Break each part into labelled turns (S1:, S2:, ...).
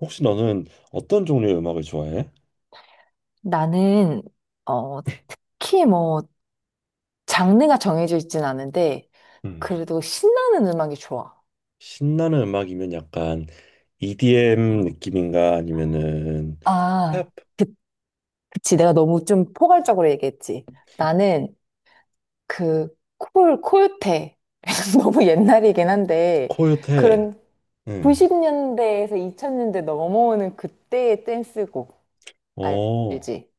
S1: 혹시 너는 어떤 종류의 음악을 좋아해?
S2: 나는, 어, 특히 뭐, 장르가 정해져 있진 않은데,
S1: 음.
S2: 그래도 신나는 음악이 좋아.
S1: 신나는 음악이면 약간 EDM 느낌인가 아니면은
S2: 아,
S1: 힙합
S2: 그, 그치. 내가 너무 좀 포괄적으로 얘기했지. 나는 콜테. 너무 옛날이긴 한데,
S1: 코요테.
S2: 그런
S1: 응.
S2: 90년대에서 2000년대 넘어오는 그때의 댄스곡. 알-
S1: 어,
S2: 알지?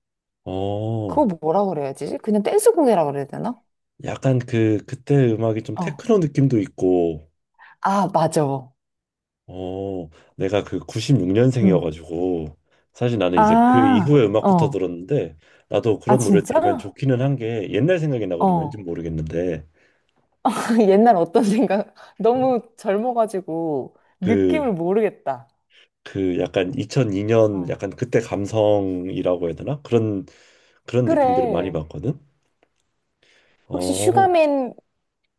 S1: 어,
S2: 그거 뭐라 그래야 지 그냥 댄스곡이라 그래야 되나?
S1: 약간 그때 음악이 좀
S2: 어.
S1: 테크노 느낌도 있고,
S2: 아, 맞아.
S1: 어, 내가 그
S2: 응.
S1: 96년생이어가지고 사실 나는 이제 그 이후의
S2: 아,
S1: 음악부터
S2: 어.
S1: 들었는데, 나도
S2: 아,
S1: 그런 노래 들으면
S2: 진짜?
S1: 좋기는 한게 옛날 생각이 나거든.
S2: 어.
S1: 왠지 모르겠는데
S2: 옛날 어떤 생각? 너무 젊어가지고 느낌을
S1: 그
S2: 모르겠다.
S1: 그 약간 2002년
S2: 어.
S1: 약간 그때 감성이라고 해야 되나? 그런 느낌들을 많이
S2: 그래.
S1: 받거든.
S2: 혹시
S1: 어,
S2: 슈가맨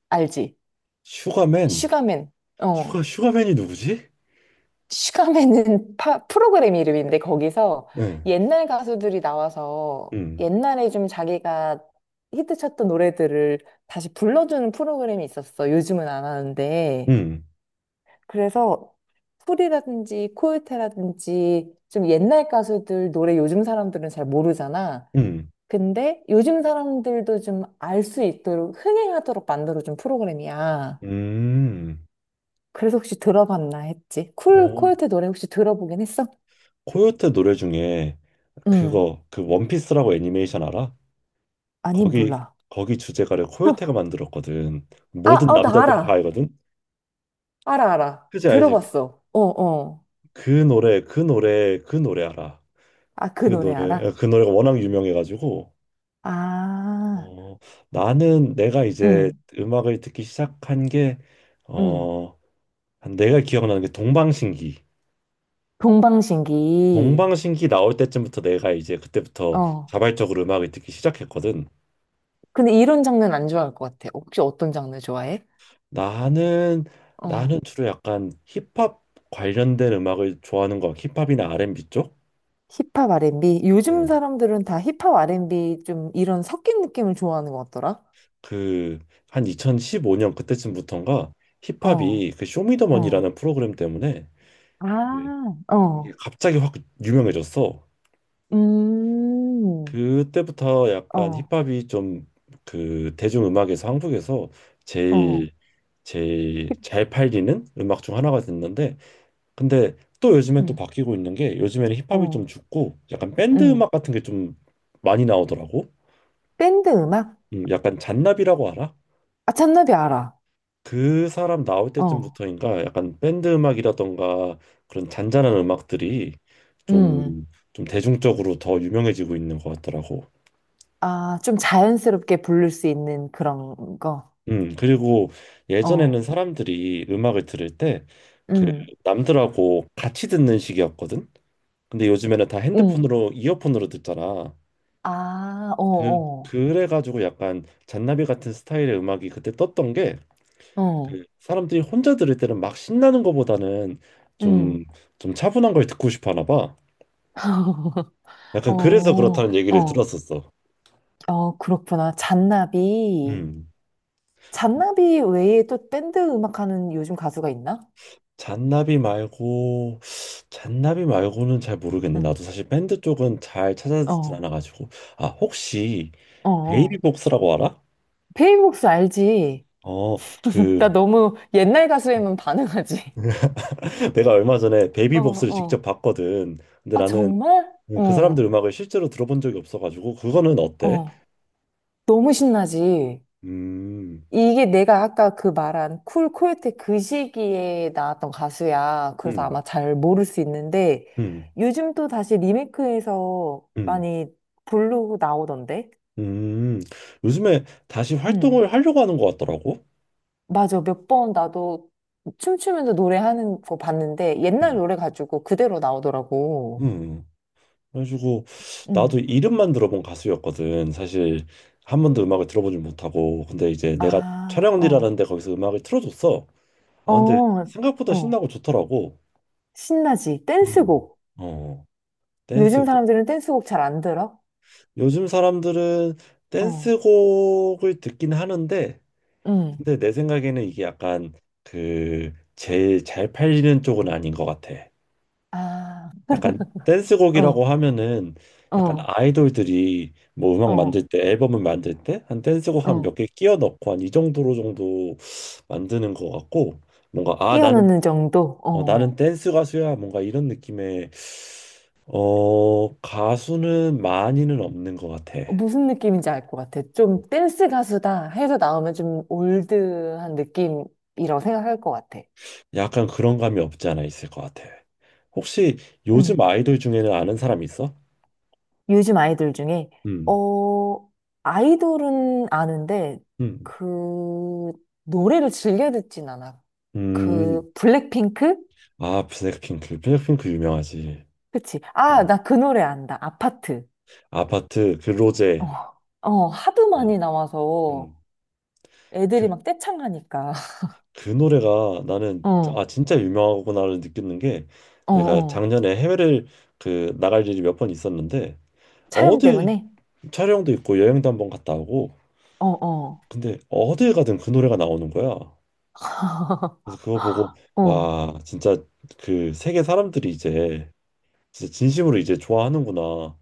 S2: 알지?
S1: 슈가맨.
S2: 슈가맨. 어.
S1: 슈가맨이 누구지?
S2: 슈가맨은 프로그램 이름인데 거기서
S1: 응.
S2: 옛날 가수들이 나와서
S1: 음.
S2: 옛날에 좀 자기가 히트쳤던 노래들을 다시 불러주는 프로그램이 있었어. 요즘은 안 하는데.
S1: 음.
S2: 그래서 소리라든지 코요테라든지 좀 옛날 가수들 노래 요즘 사람들은 잘 모르잖아.
S1: 음.
S2: 근데 요즘 사람들도 좀 알 수 있도록 흥행하도록 만들어준 프로그램이야.
S1: 음.
S2: 그래서 혹시 들어봤나 했지. 쿨
S1: 어,
S2: 코요테 노래 혹시 들어보긴 했어?
S1: 코요테 노래 중에
S2: 응.
S1: 그거 그 원피스라고 애니메이션 알아?
S2: 아니
S1: 거기
S2: 몰라.
S1: 거기 주제가를 코요테가 만들었거든.
S2: 아,
S1: 모든
S2: 어, 나
S1: 남자들이 다
S2: 알아.
S1: 알거든.
S2: 알아, 알아.
S1: 그지 알지?
S2: 들어봤어. 어, 어.
S1: 그 노래 알아.
S2: 아, 그
S1: 그
S2: 노래
S1: 노래
S2: 알아?
S1: 그 노래가 워낙 유명해가지고,
S2: 아,
S1: 어, 나는 내가 이제
S2: 응,
S1: 음악을 듣기 시작한 게,
S2: 응.
S1: 어, 한 내가 기억나는 게 동방신기.
S2: 동방신기.
S1: 동방신기 나올 때쯤부터 내가 이제 그때부터
S2: 어.
S1: 자발적으로 음악을 듣기 시작했거든.
S2: 근데 이런 장르는 안 좋아할 것 같아. 혹시 어떤 장르 좋아해?
S1: 나는
S2: 어.
S1: 나는 주로 약간 힙합 관련된 음악을 좋아하는 거, 힙합이나 R&B 쪽?
S2: 힙합 R&B? 요즘
S1: 응.
S2: 사람들은 다 힙합 R&B 좀 이런 섞인 느낌을 좋아하는 것 같더라.
S1: 그한 2015년 그때쯤부터인가
S2: 어,
S1: 힙합이 그
S2: 어.
S1: 쇼미더머니라는 프로그램 때문에 이게
S2: 아,
S1: 이게
S2: 어.
S1: 갑자기 확 유명해졌어.
S2: 음,
S1: 그때부터 약간
S2: 어,
S1: 힙합이 좀 그 대중음악에서 한국에서
S2: 어.
S1: 제일 제일
S2: 힙,
S1: 잘 팔리는 음악 중 하나가 됐는데, 근데 또 요즘엔 또
S2: 음,
S1: 바뀌고 있는 게, 요즘에는 힙합이
S2: 어,
S1: 좀 죽고 약간 밴드
S2: 음.
S1: 음악 같은 게 좀 많이 나오더라고.
S2: 밴드 음악?
S1: 약간 잔나비라고 알아?
S2: 아, 잔나비 알아.
S1: 그 사람 나올
S2: 어,
S1: 때쯤부터인가 약간 밴드 음악이라던가 그런 잔잔한 음악들이
S2: 음.
S1: 좀 좀 대중적으로 더 유명해지고 있는 것 같더라고.
S2: 아, 좀 자연스럽게 부를 수 있는 그런 거.
S1: 그리고 예전에는
S2: 어,
S1: 사람들이 음악을 들을 때 그
S2: 음,
S1: 남들하고 같이 듣는 식이었거든. 근데 요즘에는 다
S2: 음.
S1: 핸드폰으로 이어폰으로 듣잖아.
S2: 아, 어,
S1: 그
S2: 어,
S1: 그래가지고 약간 잔나비 같은 스타일의 음악이 그때 떴던 게,
S2: 어,
S1: 그 사람들이 혼자 들을 때는 막 신나는 거보다는
S2: 음.
S1: 좀 좀 차분한 걸 듣고 싶어 하나 봐.
S2: 어,
S1: 약간 그래서 그렇다는 얘기를
S2: 어,
S1: 들었었어.
S2: 어, 그렇구나. 잔나비.
S1: 음.
S2: 잔나비 외에 또 밴드 음악하는 요즘 가수가 있나?
S1: 잔나비 말고 잔나비 말고는 잘 모르겠네.
S2: 응.
S1: 나도 사실 밴드 쪽은 잘 찾아듣진
S2: 어,
S1: 않아가지고. 아 혹시
S2: 어, 어.
S1: 베이비복스라고 알아?
S2: 베이복스 알지?
S1: 어,
S2: 나
S1: 그
S2: 너무 옛날 가수에만 반응하지.
S1: 내가 얼마 전에
S2: 어,
S1: 베이비복스를 직접
S2: 어.
S1: 봤거든. 근데
S2: 아,
S1: 나는
S2: 정말?
S1: 그 사람들
S2: 어,
S1: 음악을 실제로 들어본 적이 없어가지고, 그거는 어때?
S2: 어. 너무 신나지.
S1: 음,
S2: 이게 내가 아까 그 말한 쿨 코요테 그 시기에 나왔던 가수야. 그래서
S1: 음,
S2: 아마 잘 모를 수 있는데
S1: 음,
S2: 요즘 또 다시 리메이크해서
S1: 음,
S2: 많이 부르고 나오던데.
S1: 음. 요즘에 다시
S2: 음.
S1: 활동을 하려고 하는 것 같더라고.
S2: 맞아. 몇 번 나도 춤추면서 노래하는 거 봤는데 옛날
S1: 음,
S2: 노래 가지고 그대로 나오더라고.
S1: 음. 그래가지고 나도
S2: 음.
S1: 이름만 들어본 가수였거든. 사실 한 번도 음악을 들어보지 못하고 근데 이제 내가
S2: 아,
S1: 촬영 을일라는
S2: 어.
S1: 데 거기서 음악을 틀어줬어. 아
S2: 어.
S1: 근데 생각보다
S2: 어.
S1: 신나고 좋더라고.
S2: 신나지.
S1: 어,
S2: 댄스곡.
S1: 어,
S2: 요즘
S1: 댄스곡.
S2: 사람들은 댄스곡 잘 안 들어?
S1: 요즘 사람들은
S2: 어.
S1: 댄스곡을 듣긴 하는데,
S2: 음.
S1: 근데 내 생각에는 이게 약간 그 제일 잘 팔리는 쪽은 아닌 것 같아.
S2: 아.
S1: 약간 댄스곡이라고
S2: 어.
S1: 하면은 약간
S2: 어.
S1: 아이돌들이 뭐 음악
S2: 어,
S1: 만들 때 앨범을 만들 때 한 댄스곡 한
S2: 어.
S1: 몇 개 끼워 넣고 한 이 정도로 정도 만드는 것 같고, 뭔가 아 나는
S2: 끼어넣는 정도?
S1: 나는
S2: 어.
S1: 댄스 가수야 뭔가 이런 느낌의 가수는 많이는 없는 것 같아.
S2: 어. 무슨 느낌인지 알 것 같아. 좀 댄스 가수다 해서 나오면 좀 올드한 느낌이라고 생각할 것 같아.
S1: 약간 그런 감이 없지 않아 있을 것 같아. 혹시 요즘
S2: 음.
S1: 아이돌 중에는 아는 사람 있어?
S2: 요즘 아이돌 중에,
S1: 음,
S2: 어, 아이돌은 아는데,
S1: 음,
S2: 그, 노래를 즐겨 듣진 않아.
S1: 음.
S2: 블랙핑크?
S1: 아, 블랙핑크, 블랙핑크 유명하지.
S2: 그치. 아, 나 그 노래 안다. 아파트.
S1: 아파트
S2: 어,
S1: 근로제.
S2: 어, 하도 많이 나와서
S1: 음.
S2: 애들이
S1: 그,
S2: 막 떼창하니까.
S1: 그 노래가 나는
S2: 어,
S1: 아 진짜 유명하구나를 느끼는 게,
S2: 어,
S1: 내가
S2: 어.
S1: 작년에 해외를 그 나갈 일이 몇 번 있었는데,
S2: 촬영
S1: 어딜
S2: 때문에?
S1: 촬영도 있고 여행도 한 번 갔다 오고,
S2: 어, 어.
S1: 근데 어딜 가든 그 노래가 나오는 거야. 그래서 그거 보고
S2: 어.
S1: 와 진짜 그 세계 사람들이 이제 진짜 진심으로 이제 좋아하는구나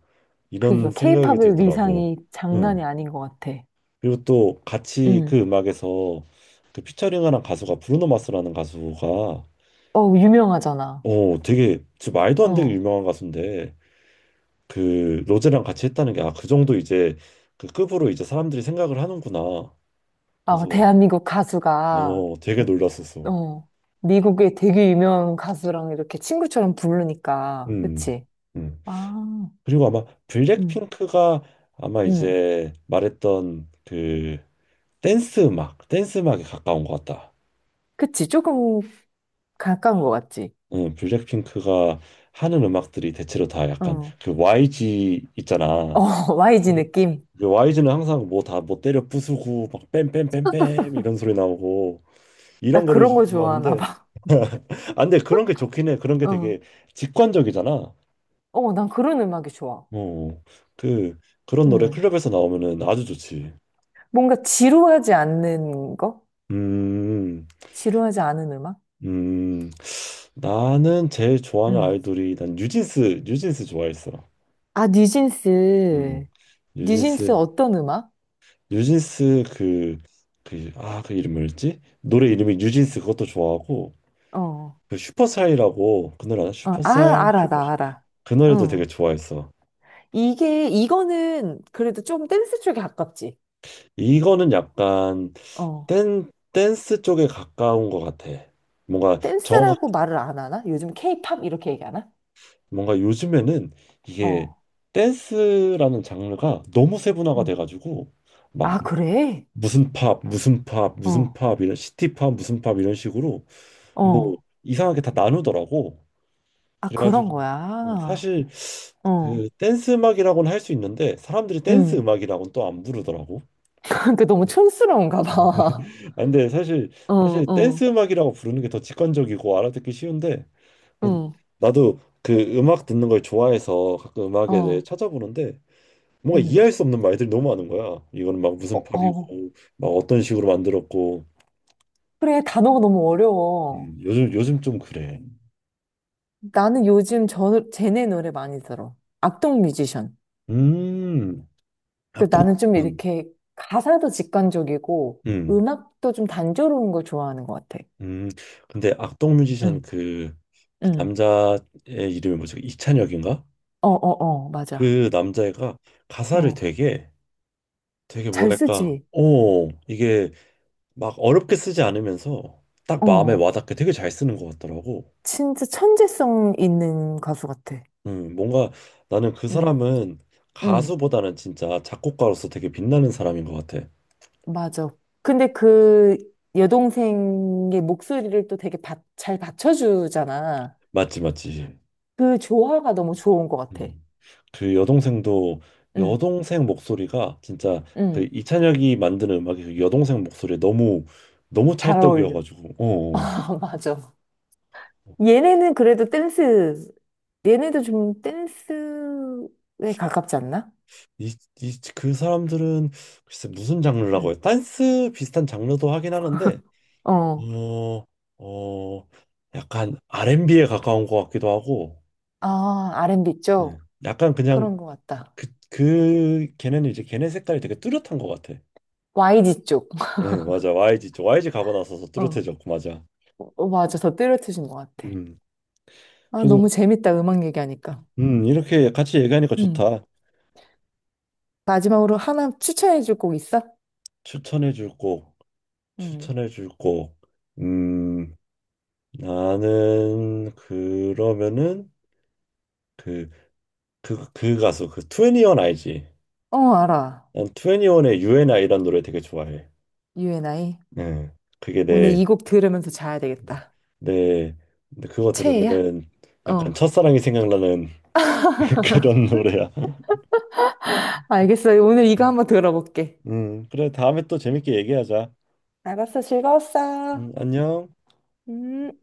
S1: 이런
S2: 그니까,
S1: 생각이
S2: 케이팝의
S1: 들더라고.
S2: 위상이 장난이 아닌 것 같아.
S1: 그리고 또 같이
S2: 응.
S1: 그 음악에서 그 피처링하는 가수가 브루노 마스라는 가수가
S2: 어, 유명하잖아.
S1: 되게 진짜 말도 안 되게
S2: 어.
S1: 유명한 가수인데, 그 로제랑 같이 했다는 게 아 그 정도 이제 그 급으로 이제 사람들이 생각을 하는구나.
S2: 아,
S1: 그래서
S2: 대한민국 가수가,
S1: 되게 놀랐었어.
S2: 어, 미국의 되게 유명한 가수랑 이렇게 친구처럼 부르니까.
S1: 음,
S2: 그치?
S1: 음.
S2: 아,
S1: 그리고 아마
S2: 응,
S1: 블랙핑크가 아마
S2: 응.
S1: 이제 말했던 그 댄스 음악에 가까운 것 같다.
S2: 그치? 조금 가까운 것 같지?
S1: 블랙핑크가 하는 음악들이 대체로 다 약간
S2: 응.
S1: 그 YG 있잖아.
S2: 어, YG
S1: 네.
S2: 느낌?
S1: YG는 항상 뭐 다 뭐 때려 부수고 막 뺨뺨 뺨 뺨 이런 소리 나오고
S2: 나
S1: 이런 거를
S2: 그런 거 좋아하나
S1: 좋아하는데,
S2: 봐.
S1: 아 근데 그런 게 좋긴 해. 그런 게
S2: 응.
S1: 되게 직관적이잖아.
S2: 어, 난 그런 음악이 좋아.
S1: 어. 그 그런 노래
S2: 응.
S1: 클럽에서 나오면은 아주 좋지.
S2: 뭔가 지루하지 않는 거?
S1: 음.
S2: 지루하지 않은 음악?
S1: 음. 나는 제일 좋아하는
S2: 응.
S1: 아이돌이 난 뉴진스 좋아했어.
S2: 아,
S1: 음.
S2: 뉴진스. 뉴진스
S1: 뉴진스
S2: 어떤 음악?
S1: 뉴진스 그 이름 뭐였지? 노래 이름이 뉴진스 그것도 좋아하고,
S2: 어. 어.
S1: 그 슈퍼사이라고 그 노래 알아?
S2: 아,
S1: 슈퍼사이
S2: 알아,
S1: 슈퍼.
S2: 나 알아.
S1: 그 노래도 되게
S2: 어.
S1: 좋아했어.
S2: 이거는 그래도 좀 댄스 쪽에 가깝지.
S1: 이거는 약간
S2: 어.
S1: 댄 댄스 쪽에 가까운 것 같아. 뭔가 정확
S2: 댄스라고 말을 안 하나? 요즘 케이팝 이렇게 얘기하나?
S1: 뭔가 요즘에는 이게
S2: 어.
S1: 댄스라는 장르가 너무 세분화가
S2: 음.
S1: 돼가지고 막
S2: 아, 그래?
S1: 무슨 팝 무슨 팝 무슨
S2: 어.
S1: 팝 이런 시티 팝 무슨 팝 이런 식으로 뭐
S2: 어.
S1: 이상하게 다 나누더라고.
S2: 아, 그런
S1: 그래가지고
S2: 거야.
S1: 사실
S2: 어.
S1: 그 댄스 음악이라고는 할 수 있는데, 사람들이 댄스
S2: 응.
S1: 음악이라고는 또 안 부르더라고.
S2: 그 너무 촌스러운가 봐.
S1: 아, 근데 사실
S2: 어,
S1: 사실
S2: 어,
S1: 댄스 음악이라고 부르는 게 더 직관적이고 알아듣기 쉬운데,
S2: 응,
S1: 나도 그 음악 듣는 걸 좋아해서 가끔 음악에 대해
S2: 어,
S1: 찾아보는데 뭔가
S2: 응.
S1: 이해할 수 없는 말들이 너무 많은 거야. 이거는 막
S2: 어,
S1: 무슨
S2: 어.
S1: 팝이고 막 어떤 식으로 만들었고.
S2: 그래, 단어가 너무 어려워.
S1: 요즘 좀 그래.
S2: 나는 요즘 쟤네 노래 많이 들어. 악동 뮤지션.
S1: 음,
S2: 그
S1: 악동.
S2: 나는 좀
S1: 음.
S2: 이렇게 가사도 직관적이고
S1: 음.
S2: 음악도 좀 단조로운 걸 좋아하는 것 같아.
S1: 음, 근데 악동 뮤지션
S2: 응,
S1: 그, 그
S2: 응.
S1: 남자의 이름이 뭐지? 이찬혁인가?
S2: 어, 어, 어, 맞아.
S1: 그 남자애가 가사를
S2: 어,
S1: 되게 되게
S2: 잘
S1: 뭐랄까,
S2: 쓰지.
S1: 어, 이게 막 어렵게 쓰지 않으면서 딱 마음에
S2: 어,
S1: 와닿게 되게 잘 쓰는 것 같더라고.
S2: 진짜 천재성 있는 가수 같아.
S1: 뭔가 나는 그
S2: 응,
S1: 사람은
S2: 응,
S1: 가수보다는 진짜 작곡가로서 되게 빛나는 사람인 것 같아.
S2: 맞아. 근데 그 여동생의 목소리를 또 되게 잘 받쳐주잖아.
S1: 맞지, 맞지.
S2: 그 조화가 너무 좋은 것 같아.
S1: 음. 그 여동생도
S2: 응,
S1: 여동생 목소리가 진짜 그
S2: 응.
S1: 이찬혁이 만드는 음악이 그 여동생 목소리에 너무 너무
S2: 잘 어울려.
S1: 찰떡이어가지고 어.
S2: 아, 맞아.
S1: 어.
S2: 얘네는 그래도 댄스, 얘네도 좀 댄스에 가깝지 않나?
S1: 이, 그 사람들은 글쎄 무슨 장르라고
S2: 응.
S1: 해요? 댄스 비슷한 장르도 하긴 하는데,
S2: 어.
S1: 어, 어, 약간 R&B에 가까운 것 같기도 하고
S2: 아, R&B 쪽?
S1: 약간 그냥
S2: 그런 것 같다.
S1: 그 걔네는 이제 걔네 색깔이 되게 뚜렷한 것 같아.
S2: YG 쪽.
S1: 네, 맞아. YG 쪽. YG 가고 나서서
S2: 어.
S1: 뚜렷해졌고 맞아.
S2: 어, 맞아. 더 뚜렷해진 것 같아.
S1: 음.
S2: 아,
S1: 그래서
S2: 너무 재밌다. 음악 얘기하니까.
S1: 이렇게 같이 얘기하니까
S2: 응.
S1: 좋다.
S2: 마지막으로 하나 추천해줄 곡 있어?
S1: 추천해 줄 곡,
S2: 응.
S1: 추천해 줄 곡. 음, 나는 그러면은 그, 그 가수 그2원 알지?
S2: 어, 알아.
S1: 난2원의 UNI 이란 노래 되게 좋아해.
S2: UNI.
S1: 네, 그게
S2: 오늘 이 곡 들으면서 자야 되겠다.
S1: 내, 근데 그거
S2: 최애야?
S1: 들으면은
S2: 어.
S1: 약간 첫사랑이 생각나는 그런 노래야.
S2: 알겠어. 오늘 이거 한번 들어볼게.
S1: 그래 다음에 또 재밌게 얘기하자.
S2: 알았어. 즐거웠어.
S1: 안녕.
S2: 음.